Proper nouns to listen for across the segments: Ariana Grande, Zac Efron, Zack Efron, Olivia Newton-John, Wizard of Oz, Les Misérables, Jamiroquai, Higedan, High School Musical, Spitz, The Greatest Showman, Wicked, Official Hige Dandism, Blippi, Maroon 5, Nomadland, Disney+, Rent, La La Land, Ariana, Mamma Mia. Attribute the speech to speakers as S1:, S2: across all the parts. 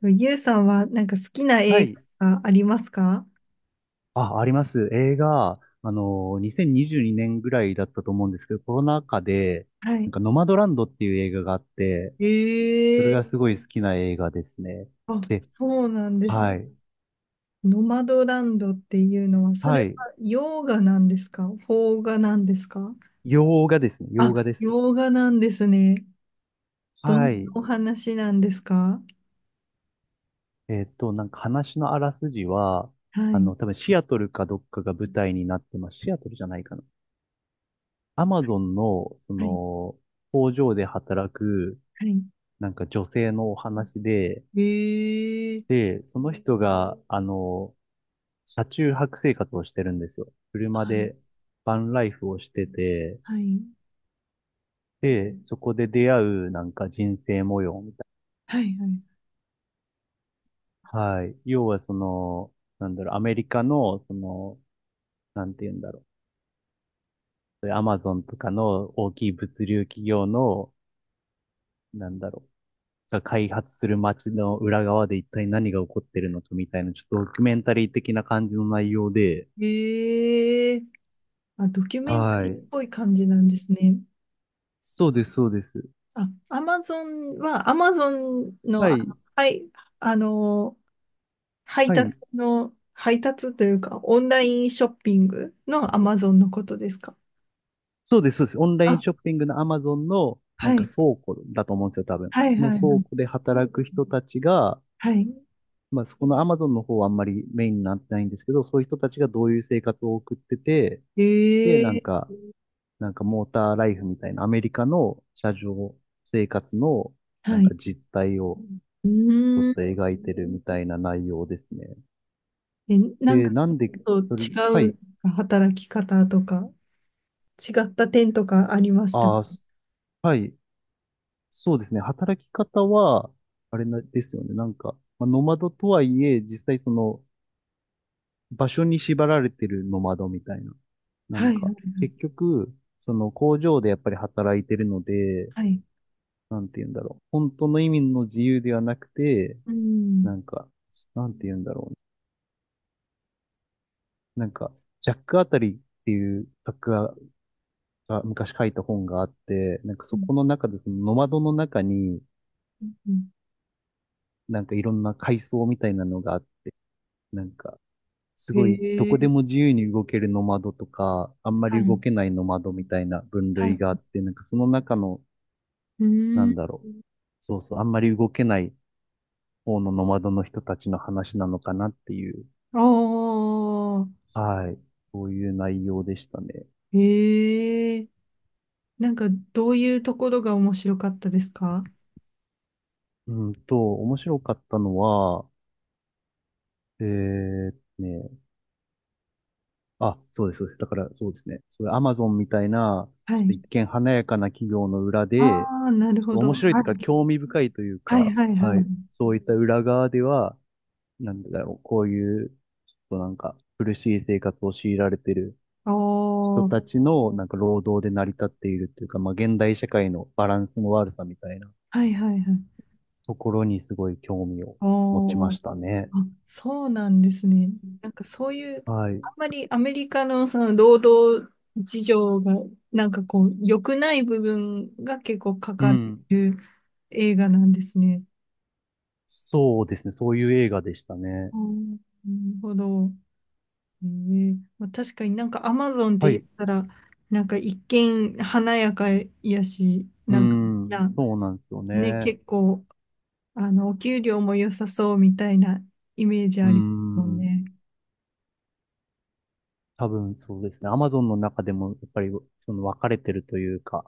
S1: でもゆうさんはなんか好きな
S2: は
S1: 映
S2: い。
S1: 画がありますか？
S2: あ、あります。映画、2022年ぐらいだったと思うんですけど、コロナ禍で、
S1: は
S2: なん
S1: い。
S2: か、ノマドランドっていう映画があって、それ
S1: え
S2: が
S1: え。
S2: すごい好きな映画ですね。
S1: あ、
S2: で、
S1: そうなんです。
S2: はい。
S1: ノマドランドっていうのは、それ
S2: はい。
S1: は洋画なんですか？邦画なんですか？
S2: 洋画ですね。洋
S1: あ、
S2: 画です。
S1: 洋画なんですね。どんな
S2: はい。
S1: お話なんですか？
S2: なんか話のあらすじは、
S1: は
S2: あ
S1: い、
S2: の、多分シアトルかどっかが舞台になってます。シアトルじゃないかな。アマゾンの、そ
S1: はい、
S2: の、工場で働く、
S1: はい。
S2: なんか女性のお話で、
S1: ええ。
S2: で、その人が、あの、車中泊生活をしてるんですよ。車
S1: は
S2: で
S1: い、
S2: バンライフをしてて、
S1: はい、
S2: で、そこで出会うなんか人生模様みたい
S1: はい。はい。
S2: な。はい。要はその、なんだろう、アメリカの、その、なんて言うんだろう。アマゾンとかの大きい物流企業の、なんだろう。が開発する街の裏側で一体何が起こってるのかみたいな、ちょっとドキュメンタリー的な感じの内容で、
S1: ええ。あ、ドキュメンタ
S2: は
S1: リーっ
S2: い。
S1: ぽい感じなんですね。
S2: そうです、そうです。
S1: あ、アマゾン
S2: は
S1: の、
S2: い、
S1: はい、あの、
S2: はい。
S1: 配達というか、オンラインショッピングのアマゾンのことですか？
S2: そうです、そうです。オンライ
S1: あ、
S2: ンショッピングの Amazon のな
S1: は
S2: んか
S1: い、
S2: 倉庫だと思うんですよ、多分。
S1: はい、は
S2: の
S1: い、は
S2: 倉庫
S1: い。
S2: で働く人たちが、
S1: は
S2: まあそこの Amazon の方はあんまりメインになってないんですけど、そういう人たちがどういう生活を送ってて、
S1: い。
S2: で、なん
S1: ー、
S2: か、なんかモーターライフみたいなアメリカの車上生活のな
S1: は
S2: ん
S1: い。
S2: か実態を
S1: う
S2: ちょ
S1: ー
S2: っと
S1: ん。
S2: 描いてるみたいな内容ですね。
S1: え、なん
S2: で、
S1: か、ち
S2: なんで、
S1: ょっ
S2: それ、は
S1: と違
S2: い、
S1: う働き方とか、違った点とかありましたか？
S2: ああ、はい、そうですね。働き方は、あれなですよね。なんか、まあ、ノマドとはいえ、実際その、場所に縛られてるノマドみたいな。なん
S1: はい、
S2: か、結局、その工場でやっぱり働いてるので、
S1: はい。
S2: なんて言うんだろう。本当の意味の自由ではなくて、
S1: う
S2: な
S1: ん。
S2: んか、なんて言うんだろうね。なんか、ジャックあたりっていう作家が昔書いた本があって、なんか
S1: う
S2: そ
S1: ん。
S2: この中でそのノマドの中に、
S1: うん。うん。
S2: なんかいろんな階層みたいなのがあって、なんか、す
S1: へ
S2: ごい、どこ
S1: え、
S2: でも自由に動けるノマドとか、あんま
S1: は
S2: り動
S1: い、
S2: けないノマドみたいな分
S1: は
S2: 類
S1: い。
S2: があって、なんかその中の、
S1: う
S2: な
S1: ー
S2: ん
S1: ん。
S2: だろう。そうそう、あんまり動けない方のノマドの人たちの話なのかなっていう、
S1: ああ。
S2: はい、そういう内容でしたね。
S1: ええ。なんかどういうところが面白かったですか？
S2: うんと、面白かったのは、えーっとね、あ、そうです、そうです。だから、そうですね。それ、アマゾンみたいな、
S1: は
S2: ちょっと一
S1: い。
S2: 見華やかな企業の裏
S1: あ
S2: で、
S1: あ、なる
S2: ちょっ
S1: ほ
S2: と
S1: ど。
S2: 面白い
S1: は
S2: というか、
S1: い
S2: 興味深いという
S1: はい
S2: か、
S1: はいは
S2: はい。
S1: い。
S2: そういった裏側では、なんだろう、こういう、ちょっとなんか、苦しい生活を強いられてる人
S1: おー、
S2: たちの、なんか、労働で成り立っているというか、まあ、現代社会のバランスの悪さみたいな
S1: はいはいはい。
S2: ところにすごい興味を持ちま
S1: おー、
S2: したね。
S1: あ、そうなんですね。なんかそういう、
S2: はい。
S1: あんまりアメリカのその労働事情が、なんかこう、良くない部分が結構か
S2: う
S1: か
S2: ん。
S1: る映画なんですね。
S2: そうですね。そういう映画でしたね。
S1: おー、なるほど。ええ、まあ、確かになんかアマゾンって
S2: は
S1: 言っ
S2: い。
S1: たら、なんか一見華やかやし、
S2: うー
S1: なんかみん
S2: ん、
S1: な
S2: そうなんですよ
S1: ね、
S2: ね。
S1: 結構、お給料も良さそうみたいなイメージ
S2: う
S1: あ
S2: ー
S1: りますもん
S2: ん、
S1: ね。
S2: 多分そうですね。アマゾンの中でもやっぱりその分かれてるというか、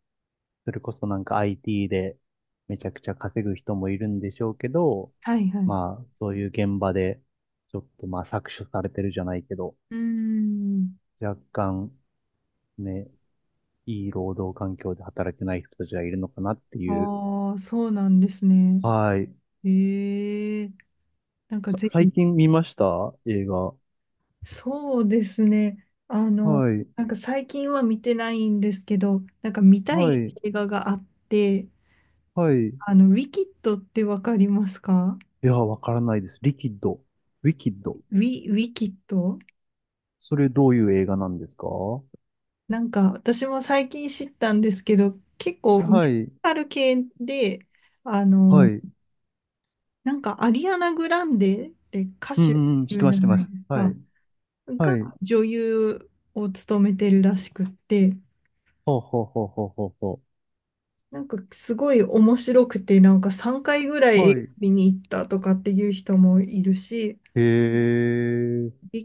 S2: それこそなんか IT でめちゃくちゃ稼ぐ人もいるんでしょうけど、
S1: はいはい。
S2: まあそういう現場でちょっとまあ搾取されてるじゃないけど、
S1: うーん。
S2: 若干ね、いい労働環境で働けない人たちがいるのかなっていう。
S1: ああ、そうなんですね。
S2: はい。
S1: ええ。なんかぜ
S2: 最
S1: ひ、
S2: 近見ました映画。
S1: そうですね。
S2: はい。
S1: なんか最近は見てないんですけど、なんか見た
S2: は
S1: い
S2: い。
S1: 映画があって、
S2: はい。
S1: ウィキッドってわかりますか？
S2: いや、わからないです。リキッド。ウィキッド。
S1: ウィキッド。
S2: それどういう映画なんですか？は
S1: なんか私も最近知ったんですけど、結構ミュージ
S2: い。
S1: カル系で、あ
S2: は
S1: の、
S2: い。うん
S1: なんかアリアナ・グランデって歌
S2: う
S1: 手
S2: んうん。
S1: い
S2: して
S1: るじ
S2: ま
S1: ゃ
S2: す、して
S1: な
S2: ま
S1: い
S2: す。
S1: です
S2: は
S1: か、
S2: い。
S1: が
S2: はい。
S1: 女優を務めてるらしくって、
S2: ほうほうほうほうほうほ
S1: なんかすごい面白くて、なんか3回ぐら
S2: う。
S1: い映
S2: は
S1: 画
S2: い。
S1: 見に行ったとかっていう人もいるし、
S2: へ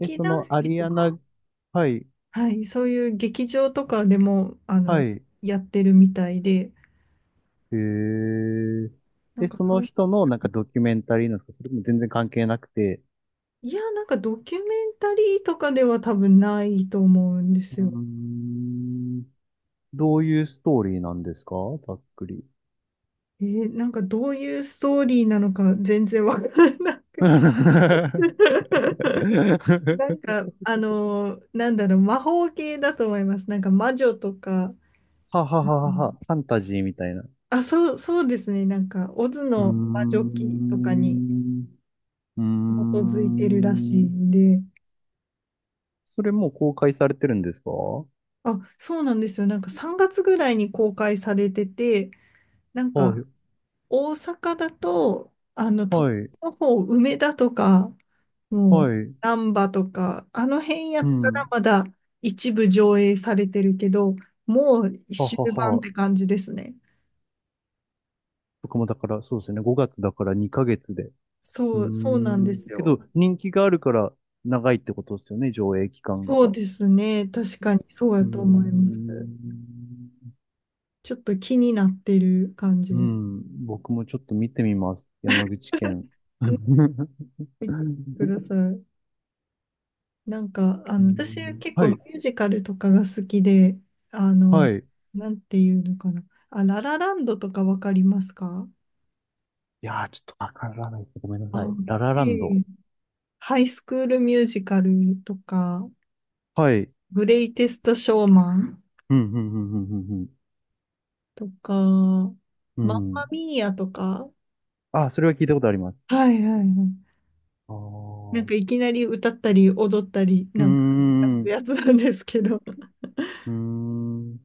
S2: え。え、そ
S1: 団
S2: の
S1: 四
S2: ア
S1: 季
S2: リ
S1: と
S2: アナ、
S1: か、
S2: はい。
S1: はい、そういう劇場とかでも、
S2: はい。
S1: やってるみたいで、
S2: へえ。
S1: なん
S2: え、
S1: か
S2: そ
S1: そん
S2: の
S1: な。
S2: 人のなんかドキュメンタリーなんですか？それとも全然関係なくて。
S1: いや、なんかドキュメンタリーとかでは多分ないと思うんで
S2: うー
S1: すよ。
S2: ん。どういうストーリーなんですか？ざっくり。
S1: なんかどういうストーリーなのか全然わからなくて。 なんか、なんだろう、魔法系だと思います。なんか魔女とか。
S2: はは
S1: う
S2: ははは、
S1: ん。
S2: ファンタジーみたいな。う
S1: あ、そう、そうですね。なんか、オズ
S2: ー
S1: の魔女記とかに
S2: ん。うー
S1: 基づいてるらしい
S2: ん。
S1: んで。
S2: それもう公開されてるんですか？は
S1: あ、そうなんですよ。なんか3月ぐらいに公開されてて、なんか、
S2: い。
S1: 大阪だと、都
S2: は
S1: 会
S2: い。
S1: の方、梅田とか、も
S2: は
S1: う、
S2: い。
S1: 難波とか、あの辺や
S2: う
S1: ったら
S2: ん。
S1: まだ一部上映されてるけど、もう
S2: は
S1: 終
S2: はは
S1: 盤っ
S2: は。
S1: て感じですね。
S2: 僕もだから、そうですね。5月だから2ヶ月で。うー
S1: そう、そうなんで
S2: ん。
S1: す
S2: け
S1: よ。
S2: ど、人気があるから長いってことですよね、上映期間が。
S1: そ
S2: う
S1: うですね。確かにそうや
S2: ー
S1: と思います。
S2: ん。
S1: ちょっと気になってる感じ
S2: う
S1: です。
S2: ん。僕もちょっと見てみます。山口県。
S1: ね、見てください。なんか、
S2: う
S1: 私
S2: ん
S1: 結
S2: は
S1: 構ミ
S2: い。
S1: ュージカルとかが好きで、あ
S2: は
S1: の、
S2: い。
S1: なんていうのかな。あ、ララランドとかわかりますか？
S2: いやー、ちょっとわからないですね。ごめんな
S1: あ、
S2: さい。ラララ
S1: いえ
S2: ン
S1: いえ。
S2: ド。
S1: ハイスクールミュージカルとか、
S2: はい。
S1: グレイテストショーマン
S2: うん、うん、うん、うん、
S1: とか、マン
S2: うん。う
S1: マ
S2: ん。
S1: ミーヤとか。
S2: あ、それは聞いたことあります。
S1: はいはいはい。
S2: ああ
S1: なん
S2: う
S1: かいきなり歌ったり踊ったり、
S2: ー
S1: なんか
S2: ん、
S1: 出す
S2: う
S1: やつなんですけど、
S2: ーん、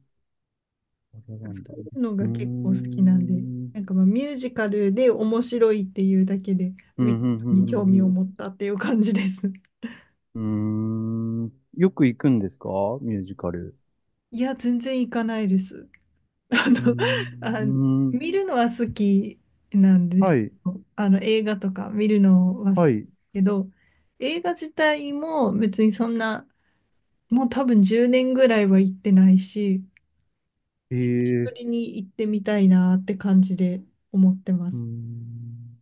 S2: ララランド
S1: そうい
S2: ね。
S1: うの
S2: うー
S1: が結構好きなんで、
S2: ん、
S1: なんかまあミュージカルで面白いっていうだけで、
S2: う
S1: ウ
S2: ん、う
S1: ィキ
S2: ん、
S1: に興
S2: う
S1: 味を
S2: ん、
S1: 持ったっていう感じです。
S2: うん。うーんよく行くんですか？ミュージカル。
S1: いや、全然行かないです。あの、
S2: うーう
S1: あ、
S2: ん。うーん、
S1: 見るのは好きなんです
S2: は
S1: け
S2: い、
S1: ど。映画とか見るのは好きだ
S2: はい。
S1: けど、映画自体も別にそんな、もう多分10年ぐらいは行ってないし、
S2: え
S1: 久しぶ
S2: ー、
S1: りに行ってみたいなって感じで思ってま
S2: うー
S1: す。
S2: ん。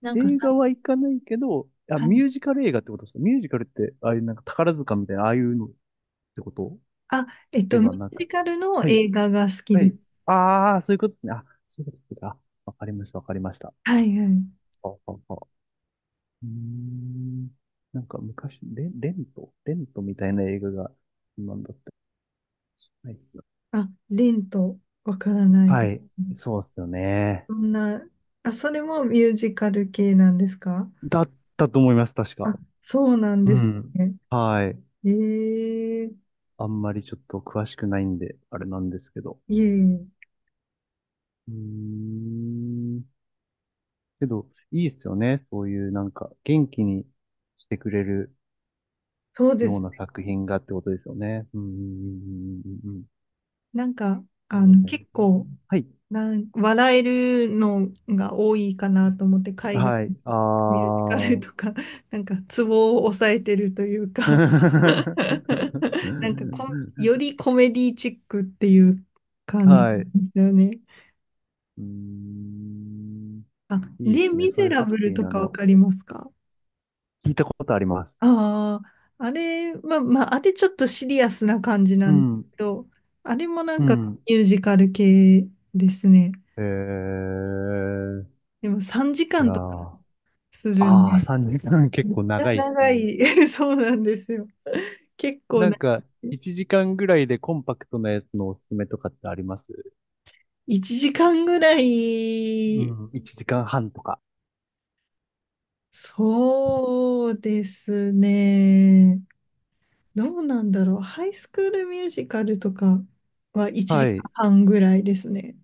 S1: なんかさ。
S2: 映画は行かないけど、あ、
S1: は
S2: ミ
S1: い。
S2: ュージカル映画ってことですか？ミュージカルって、ああいうなんか宝塚みたいな、ああいうのてこと
S1: あ、
S2: で
S1: ミュ
S2: はな
S1: ージ
S2: く。
S1: カルの
S2: はい。
S1: 映画が好き
S2: は
S1: です。
S2: い。ああ、そういうことですね。あ、そういうことですね。あ、わかりました、わかりました。
S1: はいはい。
S2: あ、あ、あ。うーん。なんか昔、レント、レントみたいな映画が、なんだったりしないっすね。
S1: あ、レント、わからないで
S2: は
S1: す
S2: い。
S1: ね。
S2: そうですよね。
S1: そんな。あ、それもミュージカル系なんですか？
S2: だったと思います、確
S1: あ、
S2: か。
S1: そうなん
S2: う
S1: です
S2: ん。
S1: ね。
S2: はい。
S1: ええ。
S2: あんまりちょっと詳しくないんで、あれなんですけど。
S1: いえいえ。
S2: うーん。けど、いいっすよね。そういうなんか、元気にしてくれる
S1: そうで
S2: よ
S1: す
S2: う
S1: ね。
S2: な作品がってことですよね。うんうんうんうんうんうん。
S1: なんか、
S2: そうだよね。
S1: 結構、
S2: はい。
S1: 笑えるのが多いかなと思って、海外
S2: はい。
S1: の
S2: あ
S1: ミュージカルとか。なんかツボを押さえてるという
S2: あ。
S1: か。なんかよりコメディチックっていう感じで
S2: はい。う
S1: すよね。
S2: ーん。
S1: あ、
S2: いいで
S1: レ・
S2: すね。
S1: ミ
S2: そう
S1: ゼ
S2: いう
S1: ラ
S2: ハッ
S1: ブ
S2: ピ
S1: ル
S2: ー
S1: と
S2: な
S1: かわ
S2: の。
S1: かりますか？
S2: 聞いたことあります。
S1: ああ、あれ、まあまあ、あれちょっとシリアスな感じ
S2: う
S1: なんです
S2: ん。
S1: けど、あれもなん
S2: う
S1: か
S2: ん。
S1: ミュージカル系ですね。
S2: えー。
S1: でも3時
S2: いや
S1: 間とか
S2: ー。
S1: するん
S2: ああ、
S1: で、
S2: 3時間結
S1: めっ
S2: 構
S1: ちゃ
S2: 長いです
S1: 長
S2: ね。
S1: い。そうなんですよ。結構
S2: なん
S1: な、
S2: か、1時間ぐらいでコンパクトなやつのおすすめとかってあります？
S1: 1時間ぐら
S2: う
S1: い。
S2: ん。1時間半とか。
S1: そうですね。どうなんだろう。ハイスクールミュージカルとかは1
S2: は
S1: 時
S2: い。
S1: 間半ぐらいですね。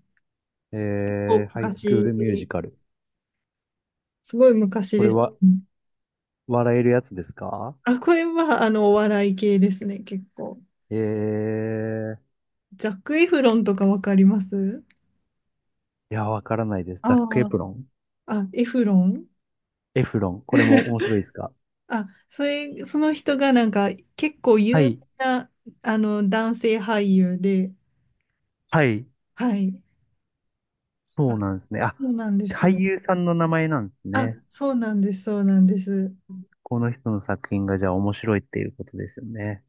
S2: えー、
S1: お
S2: ハイスクール
S1: 昔、
S2: ミュージカル。
S1: すごい昔
S2: こ
S1: で
S2: れ
S1: すね。
S2: は、
S1: うん。
S2: 笑えるやつですか？
S1: あ、これはお笑い系ですね、結構。
S2: えー、
S1: ザック・エフロンとかわかります？
S2: いや、わからないです。
S1: あ
S2: ザッ
S1: あ
S2: クエ
S1: ー、
S2: プロン
S1: あ、エフロン。
S2: エフロン。これも面白いですか？
S1: あ、それ、その人がなんか結構
S2: は
S1: 有名
S2: い。
S1: なあの男性俳優で、
S2: はい。
S1: はい。あ、
S2: そうなんですね。あ、
S1: そうなんです
S2: 俳
S1: よ。
S2: 優さんの名前なんです
S1: あ、
S2: ね。
S1: そうなんです、そうなんです。
S2: この人の作品がじゃあ面白いっていうことですよね。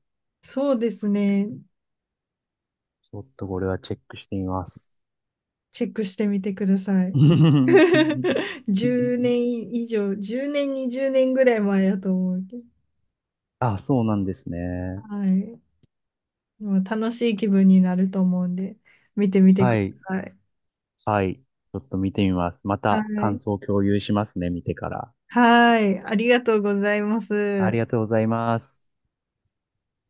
S1: そうですね。
S2: ちょっとこれはチェックしてみます。
S1: チェックしてみてください。10年以上、10年、20年ぐらい前やと思うけど、
S2: あ、そうなんですね。
S1: はい。もう楽しい気分になると思うんで、見てみて
S2: は
S1: くだ
S2: い。
S1: さい。
S2: はい。ちょっと見てみます。ま
S1: は
S2: た感
S1: い。
S2: 想を共有しますね、見てから。
S1: はい。ありがとうございま
S2: あ
S1: す。
S2: りがとうございます。